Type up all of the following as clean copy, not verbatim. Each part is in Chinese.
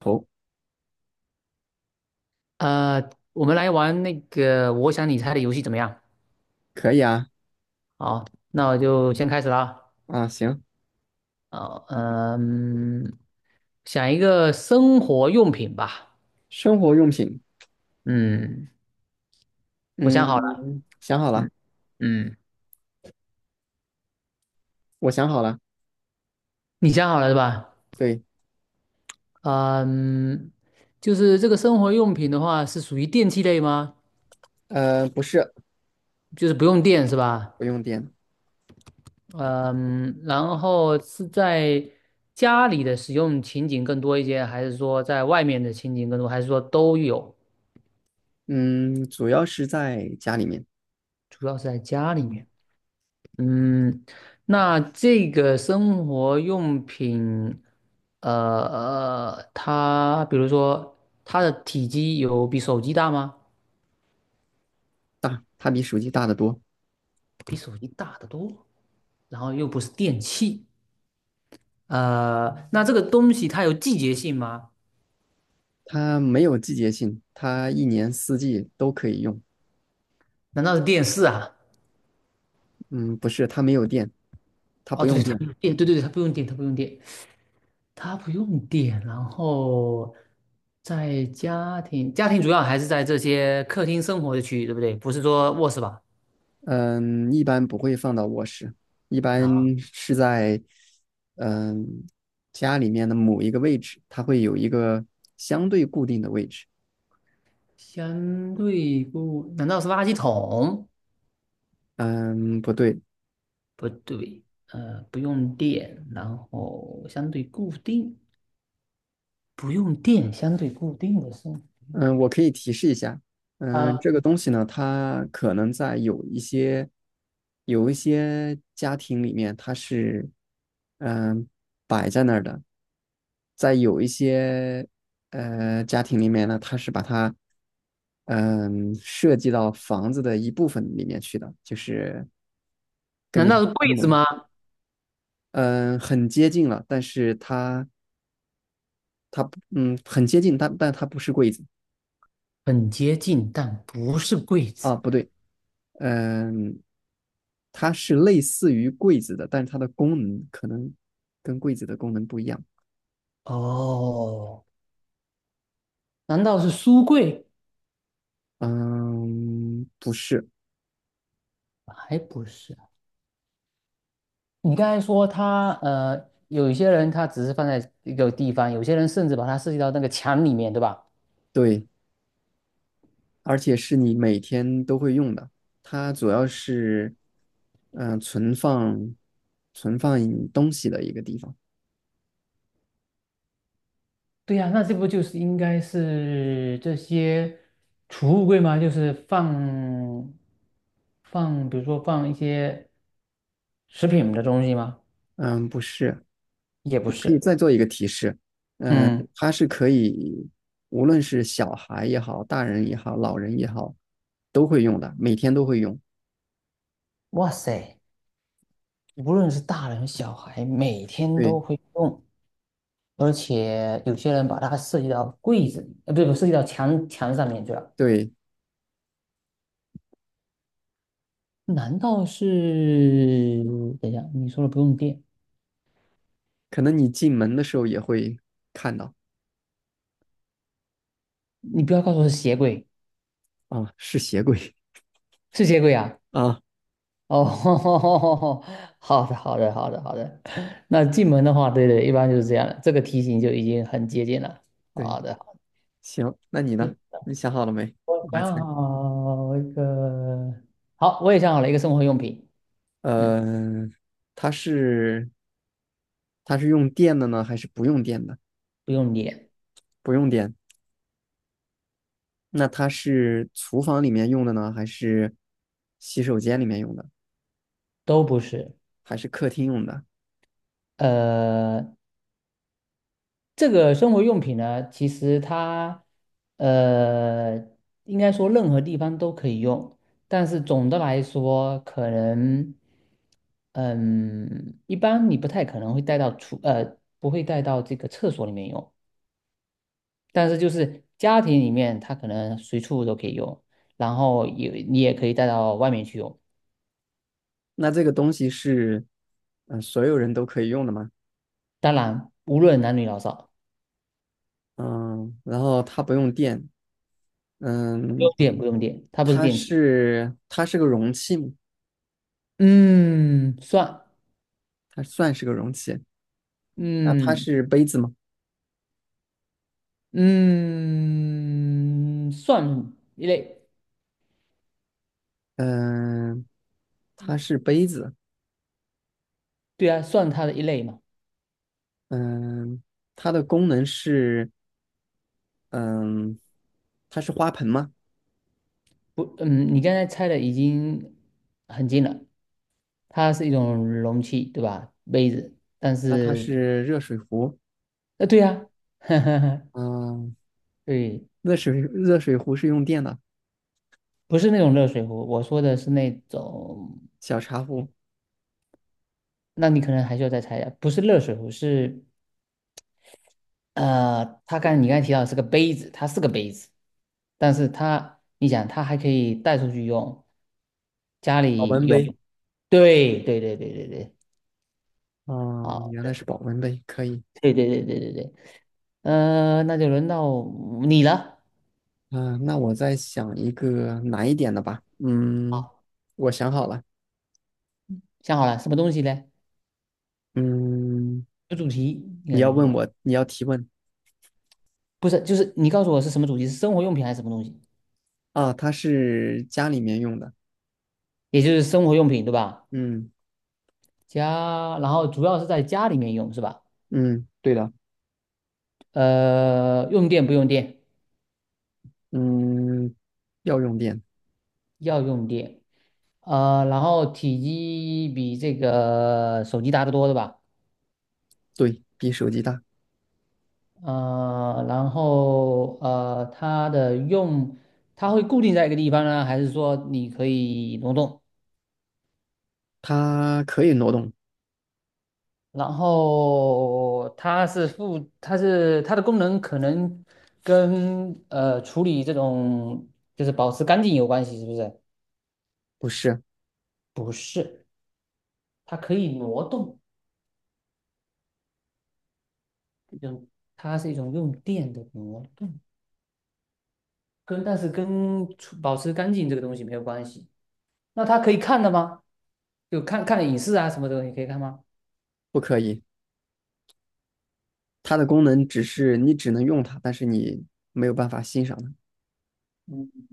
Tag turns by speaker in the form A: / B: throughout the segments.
A: 头，
B: 我们来玩那个我想你猜的游戏怎么样？
A: 可以啊。
B: 好，那我就先开始了啊。
A: 啊，行。
B: 好嗯，想一个生活用品吧。
A: 生活用品。
B: 嗯，我想好了。
A: 嗯，想好了。
B: 嗯嗯，
A: 我想好了。
B: 你想好了是吧？
A: 对。
B: 嗯，就是这个生活用品的话，是属于电器类吗？
A: 不是。
B: 就是不用电是吧？
A: 不用电。
B: 嗯，然后是在家里的使用情景更多一些，还是说在外面的情景更多，还是说都有？
A: 嗯，主要是在家里面。
B: 主要是在家里面。
A: 嗯，
B: 嗯，那这个生活用品，呃，它比如说它的体积有比手机大吗？
A: 大，它比手机大得多。
B: 比手机大得多，然后又不是电器，那这个东西它有季节性吗？
A: 它没有季节性，它一年四季都可以用。
B: 难道是电视啊？
A: 嗯，不是，它没有电，它
B: 哦，
A: 不
B: 对
A: 用
B: 对，它不
A: 电。
B: 用电，对对对，它不用电，它不用电，它不用电。然后在家庭，家庭主要还是在这些客厅生活的区域，对不对？不是说卧室吧？
A: 嗯，一般不会放到卧室，一
B: 啊。
A: 般是在，嗯，家里面的某一个位置，它会有一个相对固定的位置。
B: 相对不，难道是垃圾桶？
A: 嗯，不对。
B: 不对，不用电，然后相对固定，不用电，相对固定的是
A: 嗯，我可以提示一下。嗯，
B: 啊？
A: 这个东西呢，它可能在有一些有一些家庭里面，它是嗯摆在那儿的，在有一些家庭里面呢，它是把它设计到房子的一部分里面去的，就是根
B: 难
A: 据它
B: 道是
A: 的
B: 柜
A: 功
B: 子
A: 能。
B: 吗？
A: 嗯，很接近了，但是它它不很接近，但它不是柜子
B: 很接近，但不是柜子。
A: 啊，不对。嗯，它是类似于柜子的，但是它的功能可能跟柜子的功能不一样。
B: 哦，难道是书柜？
A: 嗯，不是。
B: 还不是。你刚才说它，有一些人他只是放在一个地方，有些人甚至把它设计到那个墙里面，对吧？
A: 对，而且是你每天都会用的。它主要是，嗯，存放东西的一个地方。
B: 对呀、那这不就是应该是这些储物柜吗？就是放，比如说放一些食品的东西吗？
A: 嗯，不是。
B: 也不
A: 我可以
B: 是。
A: 再做一个提示。嗯，
B: 嗯，
A: 它是可以，无论是小孩也好，大人也好，老人也好，都会用的，每天都会用。
B: 哇塞，无论是大人小孩，每天都
A: 对
B: 会用，而且有些人把它设计到柜子里，呃，不是不设计到墙上面去了。
A: 对。
B: 难道是？等一下，你说的不用电，
A: 可能你进门的时候也会看到
B: 你不要告诉我是鞋柜，
A: 啊，是鞋柜
B: 是鞋柜啊？
A: 啊。
B: 哦，好的，好的，好的，好的。那进门的话，对对，一般就是这样的，这个题型就已经很接近了。
A: 对。
B: 好的，好的，
A: 行，那你呢？你想好了没？
B: 我
A: 我来猜。
B: 想好一个，好，我也想好了一个生活用品，嗯，
A: 呃，它是它是用电的呢，还是不用电的？
B: 不用脸，
A: 不用电。那它是厨房里面用的呢，还是洗手间里面用的，
B: 都不是，
A: 还是客厅用的？
B: 呃，这个生活用品呢，其实它呃，应该说任何地方都可以用，但是总的来说，可能嗯，一般你不太可能会带到不会带到这个厕所里面用，但是就是家庭里面，它可能随处都可以用，然后也你也可以带到外面去用，
A: 那这个东西是所有人都可以用的吗？
B: 当然无论男女老少，
A: 嗯，然后它不用电。
B: 不
A: 嗯，
B: 用电不用电，它不是
A: 它
B: 电器，
A: 是它是个容器吗？
B: 嗯，算，
A: 它算是个容器。那它
B: 嗯。
A: 是杯子吗？
B: 嗯，算一类，
A: 嗯，它是杯子。
B: 对啊，算它的一类嘛。
A: 嗯，它的功能是，嗯，它是花盆吗？
B: 不，嗯，你刚才猜的已经很近了，它是一种容器，对吧？杯子，但
A: 那它
B: 是，
A: 是热水壶。
B: 呃，对啊，
A: 嗯，
B: 对，
A: 热水壶是用电的，
B: 不是那种热水壶，我说的是那种，
A: 小茶壶，
B: 那你可能还需要再猜一下，不是热水壶，是呃，它刚你刚才提到是个杯子，它是个杯子，但是它，你想，它还可以带出去用，家
A: 保
B: 里
A: 温
B: 用，
A: 杯。
B: 对对对对对对，
A: 哦，
B: 好，
A: 原来是保温杯，可以。
B: 对对对对对对，呃，那就轮到你了，
A: 啊，那我再想一个难一点的吧。嗯，
B: 好，
A: 我想好了。
B: 想好了什么东西嘞？
A: 嗯，
B: 有主题应
A: 你
B: 该怎
A: 要
B: 么
A: 问
B: 说？
A: 我，你要提问
B: 不是，就是你告诉我是什么主题，是生活用品还是什么东西？
A: 啊？它是家里面用的。
B: 也就是生活用品对吧？
A: 嗯。
B: 家，然后主要是在家里面用是吧？
A: 嗯，对的。
B: 呃，用电不用电？
A: 嗯，要用电。
B: 要用电。呃，然后体积比这个手机大得多，对吧？
A: 对，比手机大。
B: 它的用，它会固定在一个地方呢，还是说你可以挪动？
A: 它可以挪动。
B: 然后它是负，它是它的功能可能跟呃处理这种就是保持干净有关系，是不是？
A: 不是。
B: 不是，它可以挪动，就种它是一种用电的挪动，跟但是跟处保持干净这个东西没有关系。那他可以看的吗？就看看影视啊什么的，你可以看吗？
A: 不可以，它的功能只是你只能用它，但是你没有办法欣赏它。
B: 嗯，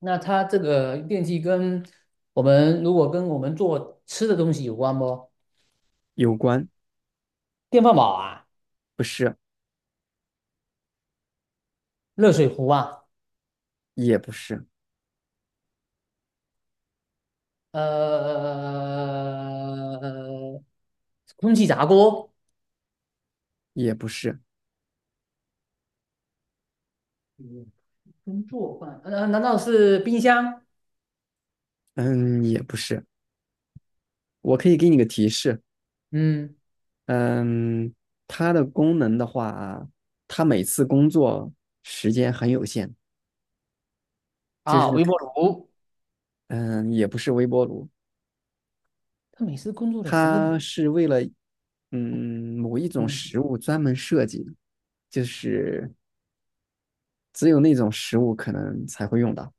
B: 那他这个电器跟我们如果跟我们做吃的东西有关不？
A: 有关。
B: 电饭煲啊，
A: 不是。
B: 热水壶啊，
A: 也不是。
B: 呃，空气炸锅，
A: 也不是。
B: 嗯工作饭，难道是冰箱？
A: 嗯，也不是。我可以给你个提示。
B: 嗯，
A: 嗯，它的功能的话，它每次工作时间很有限。就
B: 啊，
A: 是，
B: 微波炉。
A: 嗯，也不是微波炉，
B: 他每次工作的时间，
A: 它是为了嗯，某一种
B: 嗯，
A: 食物专门设计，就是只有那种食物可能才会用到。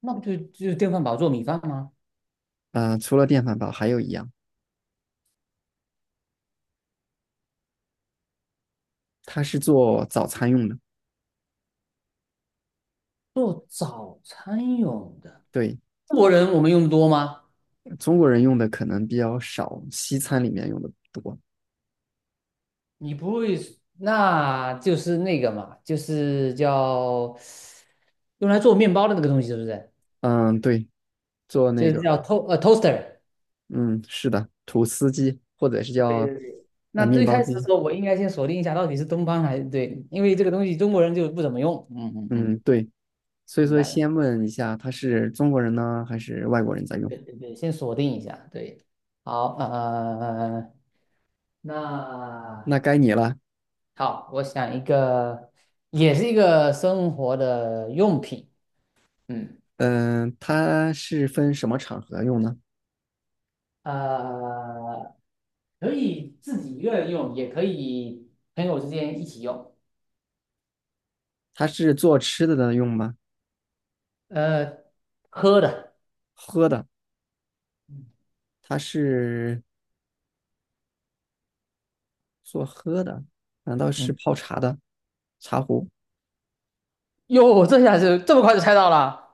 B: 那不就就电饭煲做米饭吗？
A: 除了电饭煲，还有一样，它是做早餐用的。
B: 做早餐用的。
A: 对。
B: 中国人我们用的多吗？
A: 中国人用的可能比较少，西餐里面用的多。
B: 你不会，那就是那个嘛，就是叫用来做面包的那个东西，是不是？
A: 嗯，对，做
B: 就
A: 那
B: 是
A: 个。
B: 叫 to toaster。
A: 嗯，是的，吐司机或者是
B: 对对
A: 叫
B: 对。那
A: 面
B: 最
A: 包
B: 开始的时
A: 机。
B: 候，我应该先锁定一下到底是东方还是对，因为这个东西中国人就不怎么用。嗯嗯
A: 嗯，
B: 嗯，
A: 对，所以
B: 明
A: 说
B: 白了。
A: 先问一下，他是中国人呢，还是外国人在用？
B: 对对对，先锁定一下。对，好，
A: 那
B: 那
A: 该你了。
B: 好，我想一个，也是一个生活的用品。嗯。
A: 嗯、它是分什么场合用呢？
B: 呃，可以自己一个人用，也可以朋友之间一起用。
A: 它是做吃的的用吗？
B: 呃，喝的，
A: 喝的。它是做喝的。难道
B: 嗯，
A: 是泡茶的茶壶？
B: 哟，这下是这么快就猜到了，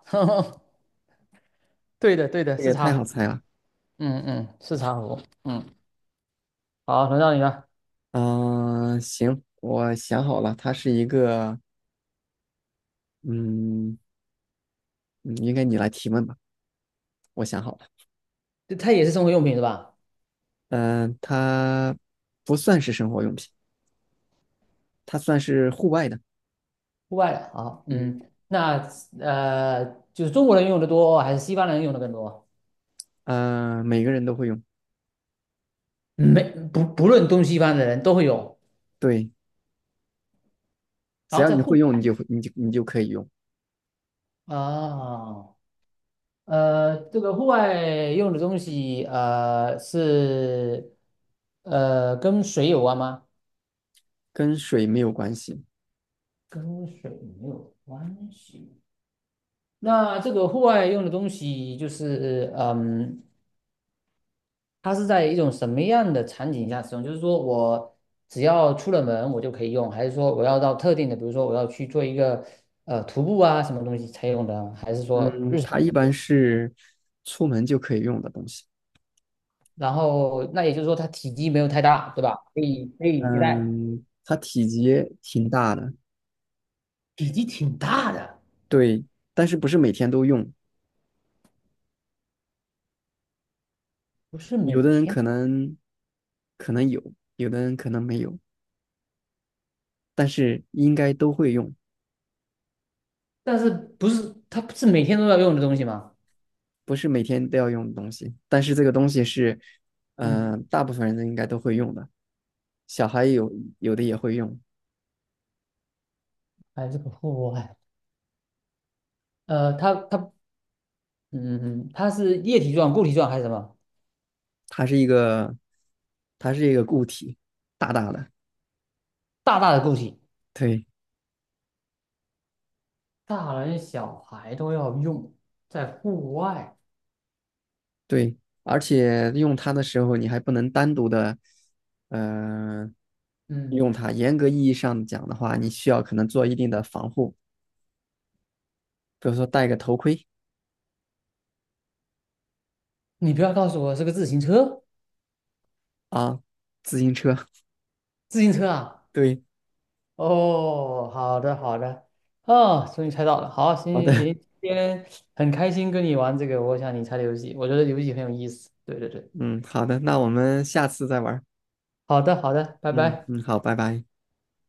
B: 对的，对的，
A: 这个
B: 是
A: 也
B: 茶
A: 太
B: 壶，
A: 好猜了。
B: 嗯嗯，是茶壶，嗯，好，轮到你了，
A: 嗯、行，我想好了，它是一个，嗯，嗯应该你来提问吧，我想好了。
B: 它也是生活用品是吧？
A: 嗯、它不算是生活用品，它算是户外的。
B: 户外的，好，
A: 嗯。
B: 嗯，那呃，就是中国人用的多还是西方人用的更多？
A: 每个人都会用。
B: 没，不不论东西方的人都会有，
A: 对，只
B: 然后
A: 要
B: 在
A: 你
B: 户
A: 会用，你就会，你就你就可以用。
B: 外啊。这个户外用的东西，是呃跟水有关吗？
A: 跟水没有关系。
B: 跟水没有关系。那这个户外用的东西，就是嗯，它是在一种什么样的场景下使用？就是说我只要出了门我就可以用，还是说我要到特定的，比如说我要去做一个呃徒步啊什么东西才用的，还是说
A: 嗯，
B: 日常
A: 它
B: 就
A: 一
B: 可以
A: 般
B: 用？
A: 是出门就可以用的东西。
B: 然后那也就是说它体积没有太大，对吧？可以可以携带。
A: 嗯，它体积挺大的。
B: 体积挺大的，
A: 对，但是不是每天都用。
B: 不是
A: 有
B: 每
A: 的人
B: 天
A: 可能有，有的人可能没有，但是应该都会用。
B: 但是不是它不是每天都要用的东西吗？
A: 不是每天都要用的东西。但是这个东西是，
B: 嗯，
A: 嗯、大部分人应该都会用的，小孩有的也会用。
B: 还是个户外，呃，它它嗯嗯，它是液体状、固体状还是什么？
A: 它是一个，它是一个固体，大大的。
B: 大大的固体。
A: 对。
B: 大人小孩都要用，在户外。
A: 对，而且用它的时候，你还不能单独的，呃，
B: 嗯，
A: 用它。严格意义上讲的话，你需要可能做一定的防护，比如说戴个头盔
B: 你不要告诉我是个自行车，
A: 啊，自行车。
B: 自行车啊？
A: 对。
B: 哦，好的好的，哦，终于猜到了。好，行
A: 好
B: 行
A: 的。
B: 行，今天很开心跟你玩这个我想你猜的游戏，我觉得游戏很有意思。对对对，
A: 嗯，好的，那我们下次再玩儿。
B: 好的好的，拜
A: 嗯
B: 拜。
A: 嗯，好，拜拜。